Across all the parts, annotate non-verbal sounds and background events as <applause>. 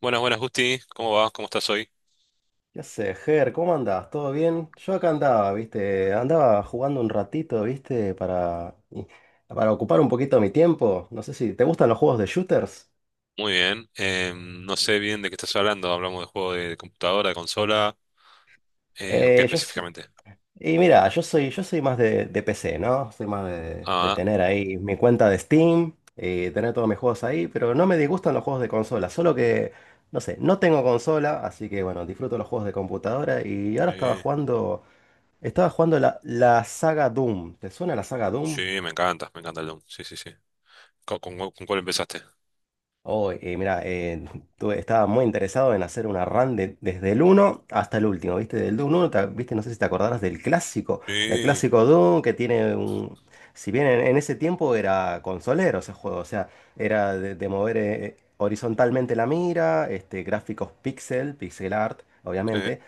Buenas, buenas, Justi. ¿Cómo vas? ¿Cómo estás hoy? Ya sé, Ger, ¿cómo andás? ¿Todo bien? Yo acá andaba, ¿viste? Andaba jugando un ratito, ¿viste? Para ocupar un poquito mi tiempo. No sé si te gustan los juegos de shooters. Muy bien. No sé bien de qué estás hablando. ¿Hablamos de juego de computadora, de consola? ¿O qué Eh, yo s- específicamente? y mira, yo soy más de PC, ¿no? Soy más de Ah, tener ahí mi cuenta de Steam y tener todos mis juegos ahí, pero no me disgustan los juegos de consola, solo que, no sé, no tengo consola, así que bueno, disfruto los juegos de computadora y ahora estaba sí. jugando, estaba jugando la saga Doom. ¿Te suena la saga Doom? Sí, me encanta el Doom. Sí, sí, sí. ¿Con cuál empezaste? Mira, estaba muy interesado en hacer una run desde el uno hasta el último, ¿viste? Del uno, ¿viste? No sé si te acordarás del clásico, el Sí, clásico Doom que tiene un... Si bien en ese tiempo era consolero ese juego, o sea, era de mover horizontalmente la mira, este, gráficos pixel, pixel art, sí. obviamente.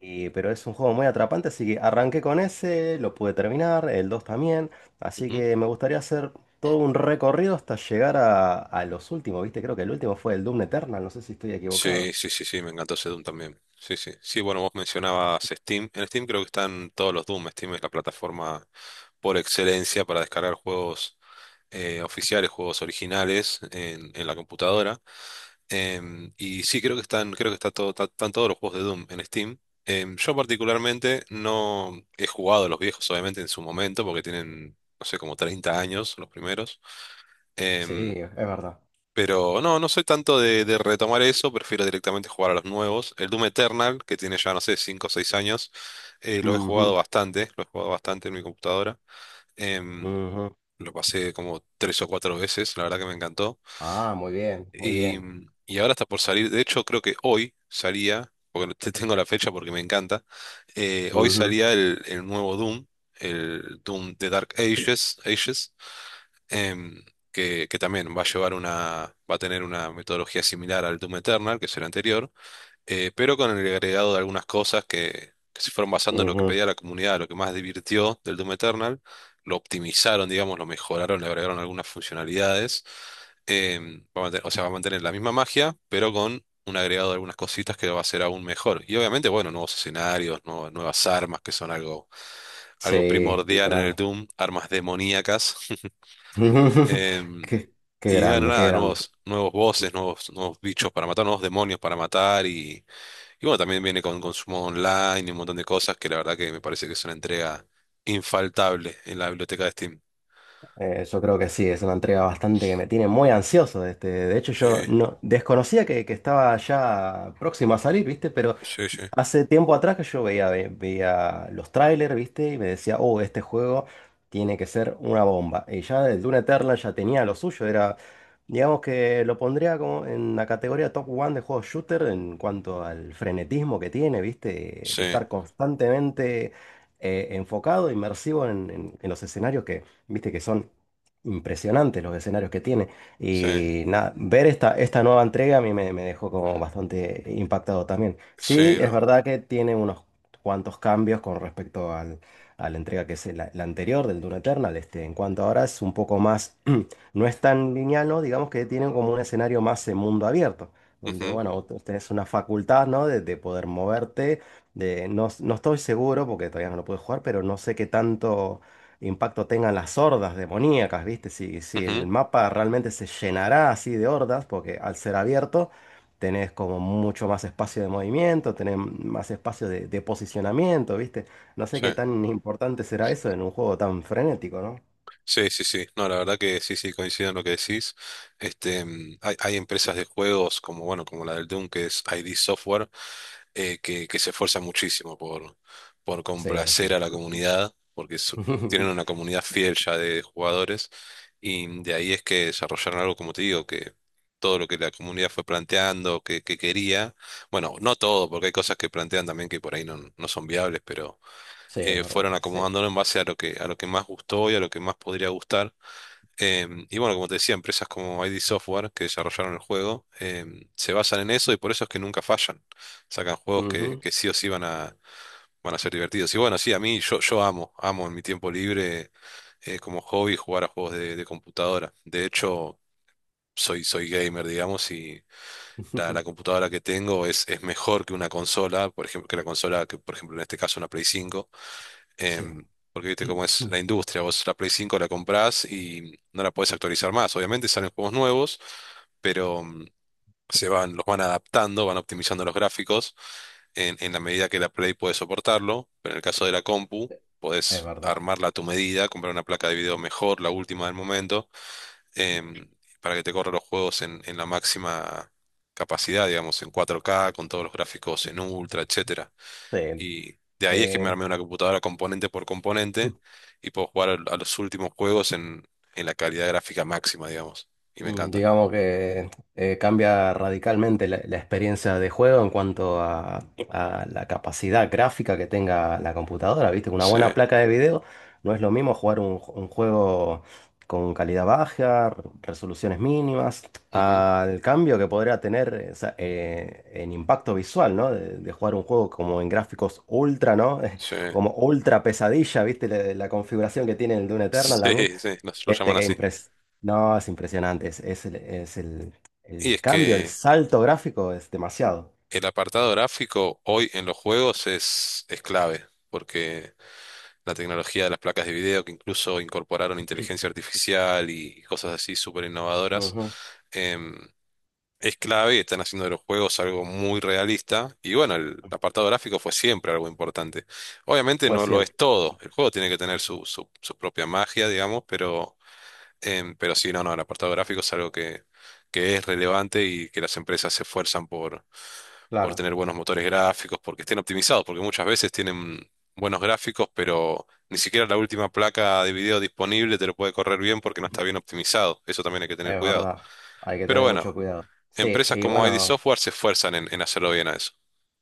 Pero es un juego muy atrapante, así que arranqué con ese, lo pude terminar, el 2 también. Así Ujú. que me gustaría hacer todo un recorrido hasta llegar a los últimos, ¿viste? Creo que el último fue el Doom Eternal, no sé si estoy Sí, equivocado. sí, sí, sí, me encantó ese Doom también. Sí, sí. Sí, bueno, vos mencionabas Steam. En Steam creo que están todos los Doom. Steam es la plataforma por excelencia para descargar juegos oficiales, juegos originales en, la computadora. Y sí, creo que están, creo que está todo, están todos los juegos de Doom en Steam. Yo particularmente no he jugado a los viejos, obviamente, en su momento, porque tienen, no sé, como 30 años los primeros. Sí, Em, es verdad. pero no, no soy tanto de retomar eso, prefiero directamente jugar a los nuevos. El Doom Eternal, que tiene ya, no sé, 5 o 6 años, lo he jugado Ujú, bastante, lo he jugado bastante en mi computadora. Em, ujú. lo pasé como 3 o 4 veces, la verdad que me encantó. Ah, muy bien, muy Y, bien. y ahora está por salir, de hecho creo que hoy salía, porque te <laughs> tengo la fecha porque me encanta, hoy Ujú, salía el nuevo Doom, el Doom de Dark Ages, em, que, también va a llevar una, va a tener una metodología similar al Doom Eternal, que es el anterior, pero con el agregado de algunas cosas que, se fueron basando en lo que ujú. pedía la comunidad, lo que más divirtió del Doom Eternal, lo optimizaron, digamos, lo mejoraron, le agregaron algunas funcionalidades. O sea, va a mantener la misma magia, pero con un agregado de algunas cositas que lo va a hacer aún mejor. Y obviamente, bueno, nuevos escenarios, nuevas armas, que son algo, Sí, primordial en el literal. Doom, armas demoníacas. <laughs> <laughs> Em, Qué, qué y bueno, grande, qué nada, grande. nuevos, bosses, nuevos, bichos para matar, nuevos demonios para matar y bueno, también viene con consumo online y un montón de cosas que la verdad que me parece que es una entrega infaltable en la biblioteca de Steam. Yo creo que sí, es una entrega bastante que me tiene muy ansioso. Este, de hecho, Sí, yo no desconocía que estaba ya próxima a salir, ¿viste? Pero sí, sí, hace tiempo atrás que yo veía los trailers, ¿viste? Y me decía, oh, este juego tiene que ser una bomba. Y ya el Dune Eternal ya tenía lo suyo, era, digamos que lo pondría como en la categoría top one de juegos shooter en cuanto al frenetismo que tiene, ¿viste? sí, De estar constantemente enfocado, inmersivo en los escenarios que, ¿viste? Que son impresionantes los escenarios que tiene. sí, Y nada, ver esta nueva entrega a mí me, me dejó como bastante impactado también. Sí, sí, es no. verdad que tiene unos cuantos cambios con respecto al, a la entrega que es la anterior del Dune Eternal. Este, en cuanto ahora es un poco más, <clears throat> no es tan lineal, ¿no? Digamos que tienen como un escenario más en mundo abierto, donde, Ujú, bueno, vos tenés una facultad, ¿no? De poder moverte. De, no, no estoy seguro porque todavía no lo pude jugar, pero no sé qué tanto impacto tengan las hordas demoníacas, ¿viste? Si, si el ujú, mapa realmente se llenará así de hordas, porque al ser abierto tenés como mucho más espacio de movimiento, tenés más espacio de posicionamiento, ¿viste? No sé sí. qué tan importante será eso en un juego tan frenético, ¿no? Sí, sí, sí. No, la verdad que sí, sí, coincido en lo que decís. Este, hay, empresas de juegos como, bueno, como la del Doom, que es ID Software. Que se esfuerzan muchísimo por, Sí, sí. complacer a la comunidad, porque tienen una <laughs> comunidad fiel ya de jugadores, y de ahí es que desarrollaron algo, como te digo, que todo lo que la comunidad fue planteando, que, quería, bueno, no todo, porque hay cosas que plantean también que por ahí no, no son viables, pero Sí, es fueron verdad, sí. acomodándolo en base a lo que más gustó y a lo que más podría gustar. Y bueno, como te decía, empresas como ID Software, que desarrollaron el juego, se basan en eso y por eso es que nunca fallan. Sacan juegos que, Ujú. Sí o sí van a, ser divertidos. Y bueno, sí, a mí yo, amo, en mi tiempo libre, como hobby jugar a juegos de, computadora. De hecho, soy, gamer, digamos, y la, <laughs> computadora que tengo es, mejor que una consola, por ejemplo, que la consola que, por ejemplo, en este caso una Play 5, Sí, em, porque viste cómo <clears throat> es la industria, vos la Play 5 la comprás y no la podés actualizar más. Obviamente salen juegos nuevos, pero se van, los van adaptando, van optimizando los gráficos en, la medida que la Play puede soportarlo, pero en el caso de la compu, es podés verdad. armarla a tu medida, comprar una placa de video mejor, la última del momento, em, para que te corra los juegos en, la máxima capacidad, digamos, en 4K, con todos los gráficos en ultra, etcétera. Sí. Y de ahí es que me Eh, armé una computadora componente por componente <laughs> y puedo jugar los últimos juegos en, la calidad gráfica máxima, digamos. Y me encanta. digamos que cambia radicalmente la experiencia de juego en cuanto a la capacidad gráfica que tenga la computadora, ¿viste? Una Sí, buena placa de video no es lo mismo jugar un juego con calidad baja, resoluciones mínimas, ujú, al cambio que podría tener o sea, en impacto visual, ¿no? De jugar un juego como en gráficos ultra, ¿no? sí, <laughs> Como ultra pesadilla, ¿viste? La configuración que tiene el Dune <laughs> Eternal también sí, sí, nos lo este llaman así. Game Press. No, es impresionante. Y El es cambio, el que salto gráfico es demasiado. el apartado gráfico hoy en los juegos es, clave, porque la tecnología de las placas de video, que incluso incorporaron inteligencia artificial y cosas así súper innovadoras, Ujú. es clave, están haciendo de los juegos algo muy realista y bueno, el apartado gráfico fue siempre algo importante. Obviamente Pues no lo es siempre, todo, el juego tiene que tener su, propia magia, digamos, pero, pero sí, no, no, el apartado gráfico es algo que, es relevante y que las empresas se esfuerzan por, claro. tener buenos motores gráficos, porque estén optimizados, porque muchas veces tienen buenos gráficos, pero ni siquiera la última placa de video disponible te lo puede correr bien porque no está bien <laughs> optimizado, eso también hay que tener Es cuidado. verdad. Hay que Pero tener mucho bueno, cuidado. Sí, empresas y como ID bueno. Software se esfuerzan en, hacerlo bien a eso.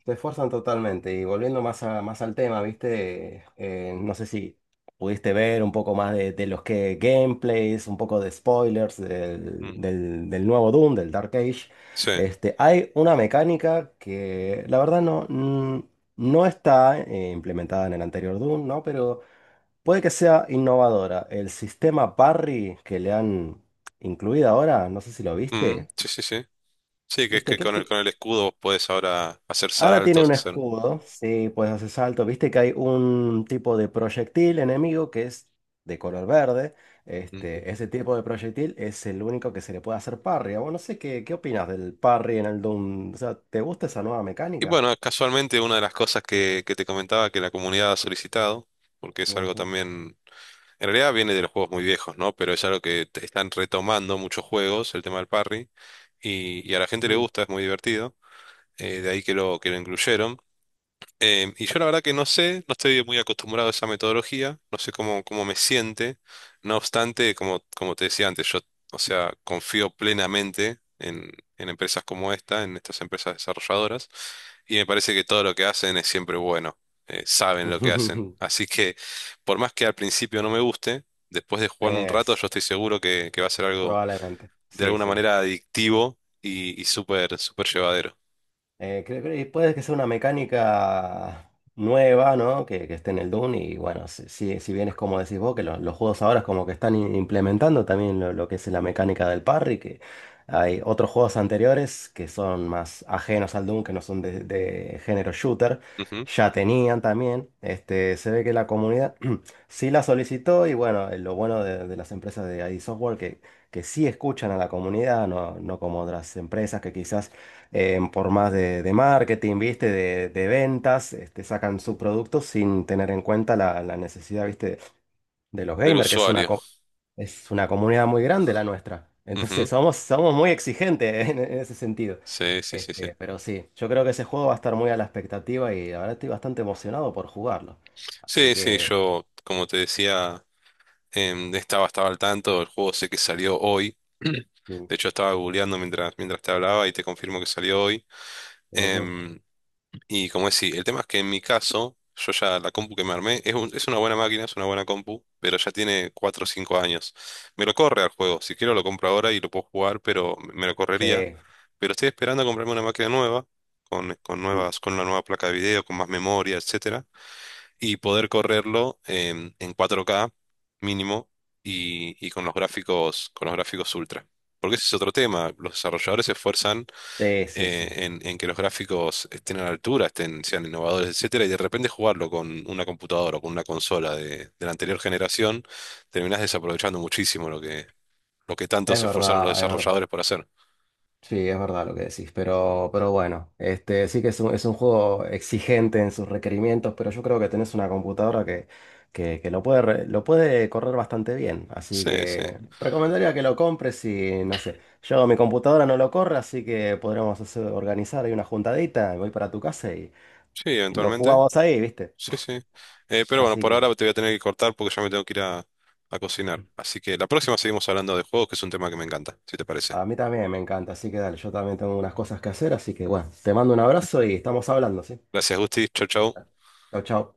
Te esfuerzan totalmente. Y volviendo más, más al tema, ¿viste? No sé si pudiste ver un poco más de los que gameplays, un poco de spoilers del, Mm. Del nuevo Doom, del Dark Age. Sí. Este, hay una mecánica que la verdad no, no está implementada en el anterior Doom, ¿no? Pero puede que sea innovadora. El sistema parry que le han incluido ahora, no sé si lo Mm, viste. sí, sí, sí. Sí, que es ¿Viste? que con el, escudo vos podés ahora hacer Ahora tiene saltos, un hacer. escudo, sí, puedes hacer salto. Viste que hay un tipo de proyectil enemigo que es de color verde. Mm. Este, ese tipo de proyectil es el único que se le puede hacer parry. Bueno, no sé qué, qué opinas del parry en el Doom. O sea, ¿te gusta esa nueva Y mecánica? bueno, casualmente una de las cosas que, te comentaba que la comunidad ha solicitado, porque es algo Ujú. también. En realidad viene de los juegos muy viejos, ¿no? Pero es algo que te están retomando muchos juegos, el tema del parry, y, a la gente le Mm. gusta, es muy divertido. De ahí que lo, incluyeron. Y yo la verdad que no sé, no estoy muy acostumbrado a esa metodología, no sé cómo, me siente. No obstante, como, te decía antes, yo, o sea, confío plenamente en, empresas como esta, en estas empresas desarrolladoras, y me parece que todo lo que hacen es siempre bueno, saben lo que hacen. <laughs> Así que, por más que al principio no me guste, después de jugar un rato, Es, yo estoy seguro que, va a ser algo probablemente. de Sí, alguna sí. manera adictivo y, súper, súper llevadero. Creo que puede que sea una mecánica nueva, ¿no? Que esté en el Dune y bueno, si, si si bien es como decís vos, que los juegos ahora es como que están implementando también lo que es la mecánica del parry, que hay otros juegos anteriores que son más ajenos al Dune, que no son de género shooter, ya tenían también, este, se ve que la comunidad <clears throat> sí la solicitó y bueno, lo bueno de las empresas de ID Software que sí escuchan a la comunidad, no, no como otras empresas que quizás por más de marketing, ¿viste? De ventas, este, sacan su Ujú. producto sin tener en cuenta la necesidad, ¿viste? De los Del gamers, que es una, usuario. Es una comunidad muy grande la nuestra. Entonces somos muy exigentes <laughs> en ese sentido. Sí, sí, sí, sí. Este, pero sí, yo creo que ese juego va a estar muy a la expectativa y la verdad estoy bastante emocionado por jugarlo. Así Sí, sí, que... yo, como te decía, estaba, al tanto, el juego sé que salió hoy. <clears throat> mm, De hecho, estaba googleando mientras, te hablaba y te confirmo que salió hoy. ujú, Em, y como decía, el tema es que en mi caso, yo ya la compu que me armé es una buena máquina, es una buena compu, pero ya tiene 4 o 5 años. Me lo corre al juego, si quiero lo compro ahora y lo puedo jugar, pero me lo sí, correría. Pero estoy esperando a comprarme una máquina nueva, mm, con una nueva placa de video, con más memoria, etc. y poder correrlo en, 4K mínimo y, con los gráficos, ultra. Porque ese es otro tema. Los desarrolladores se esfuerzan sí, sí, sí. En, que los gráficos estén a la altura, estén, sean innovadores, etcétera, y de repente jugarlo con una computadora o con una consola de, la anterior generación, terminás desaprovechando muchísimo lo que, tanto Es se esforzaron los verdad, es verdad. desarrolladores por hacer. Sí, es verdad lo que decís, pero bueno, este, sí que es un juego exigente en sus requerimientos, pero yo creo que tenés una computadora que, que lo puede, lo puede correr bastante bien, así Sí, sí. que recomendaría que lo compres y no sé, yo mi computadora no lo corre, así que podremos hacer- organizar ahí una juntadita, voy para tu casa Sí, y lo eventualmente. jugamos ahí, ¿viste? Sí, sí. Pero bueno, Así por que ahora te voy a tener que cortar porque ya me tengo que ir a, cocinar. Así que la próxima seguimos hablando de juegos, que es un tema que me encanta, si te parece. a mí también me encanta, así que dale, yo también tengo unas cosas que hacer, así que bueno, te mando un abrazo y estamos hablando, ¿sí? Gracias, Gusti. Chau, chau. Chau, chau.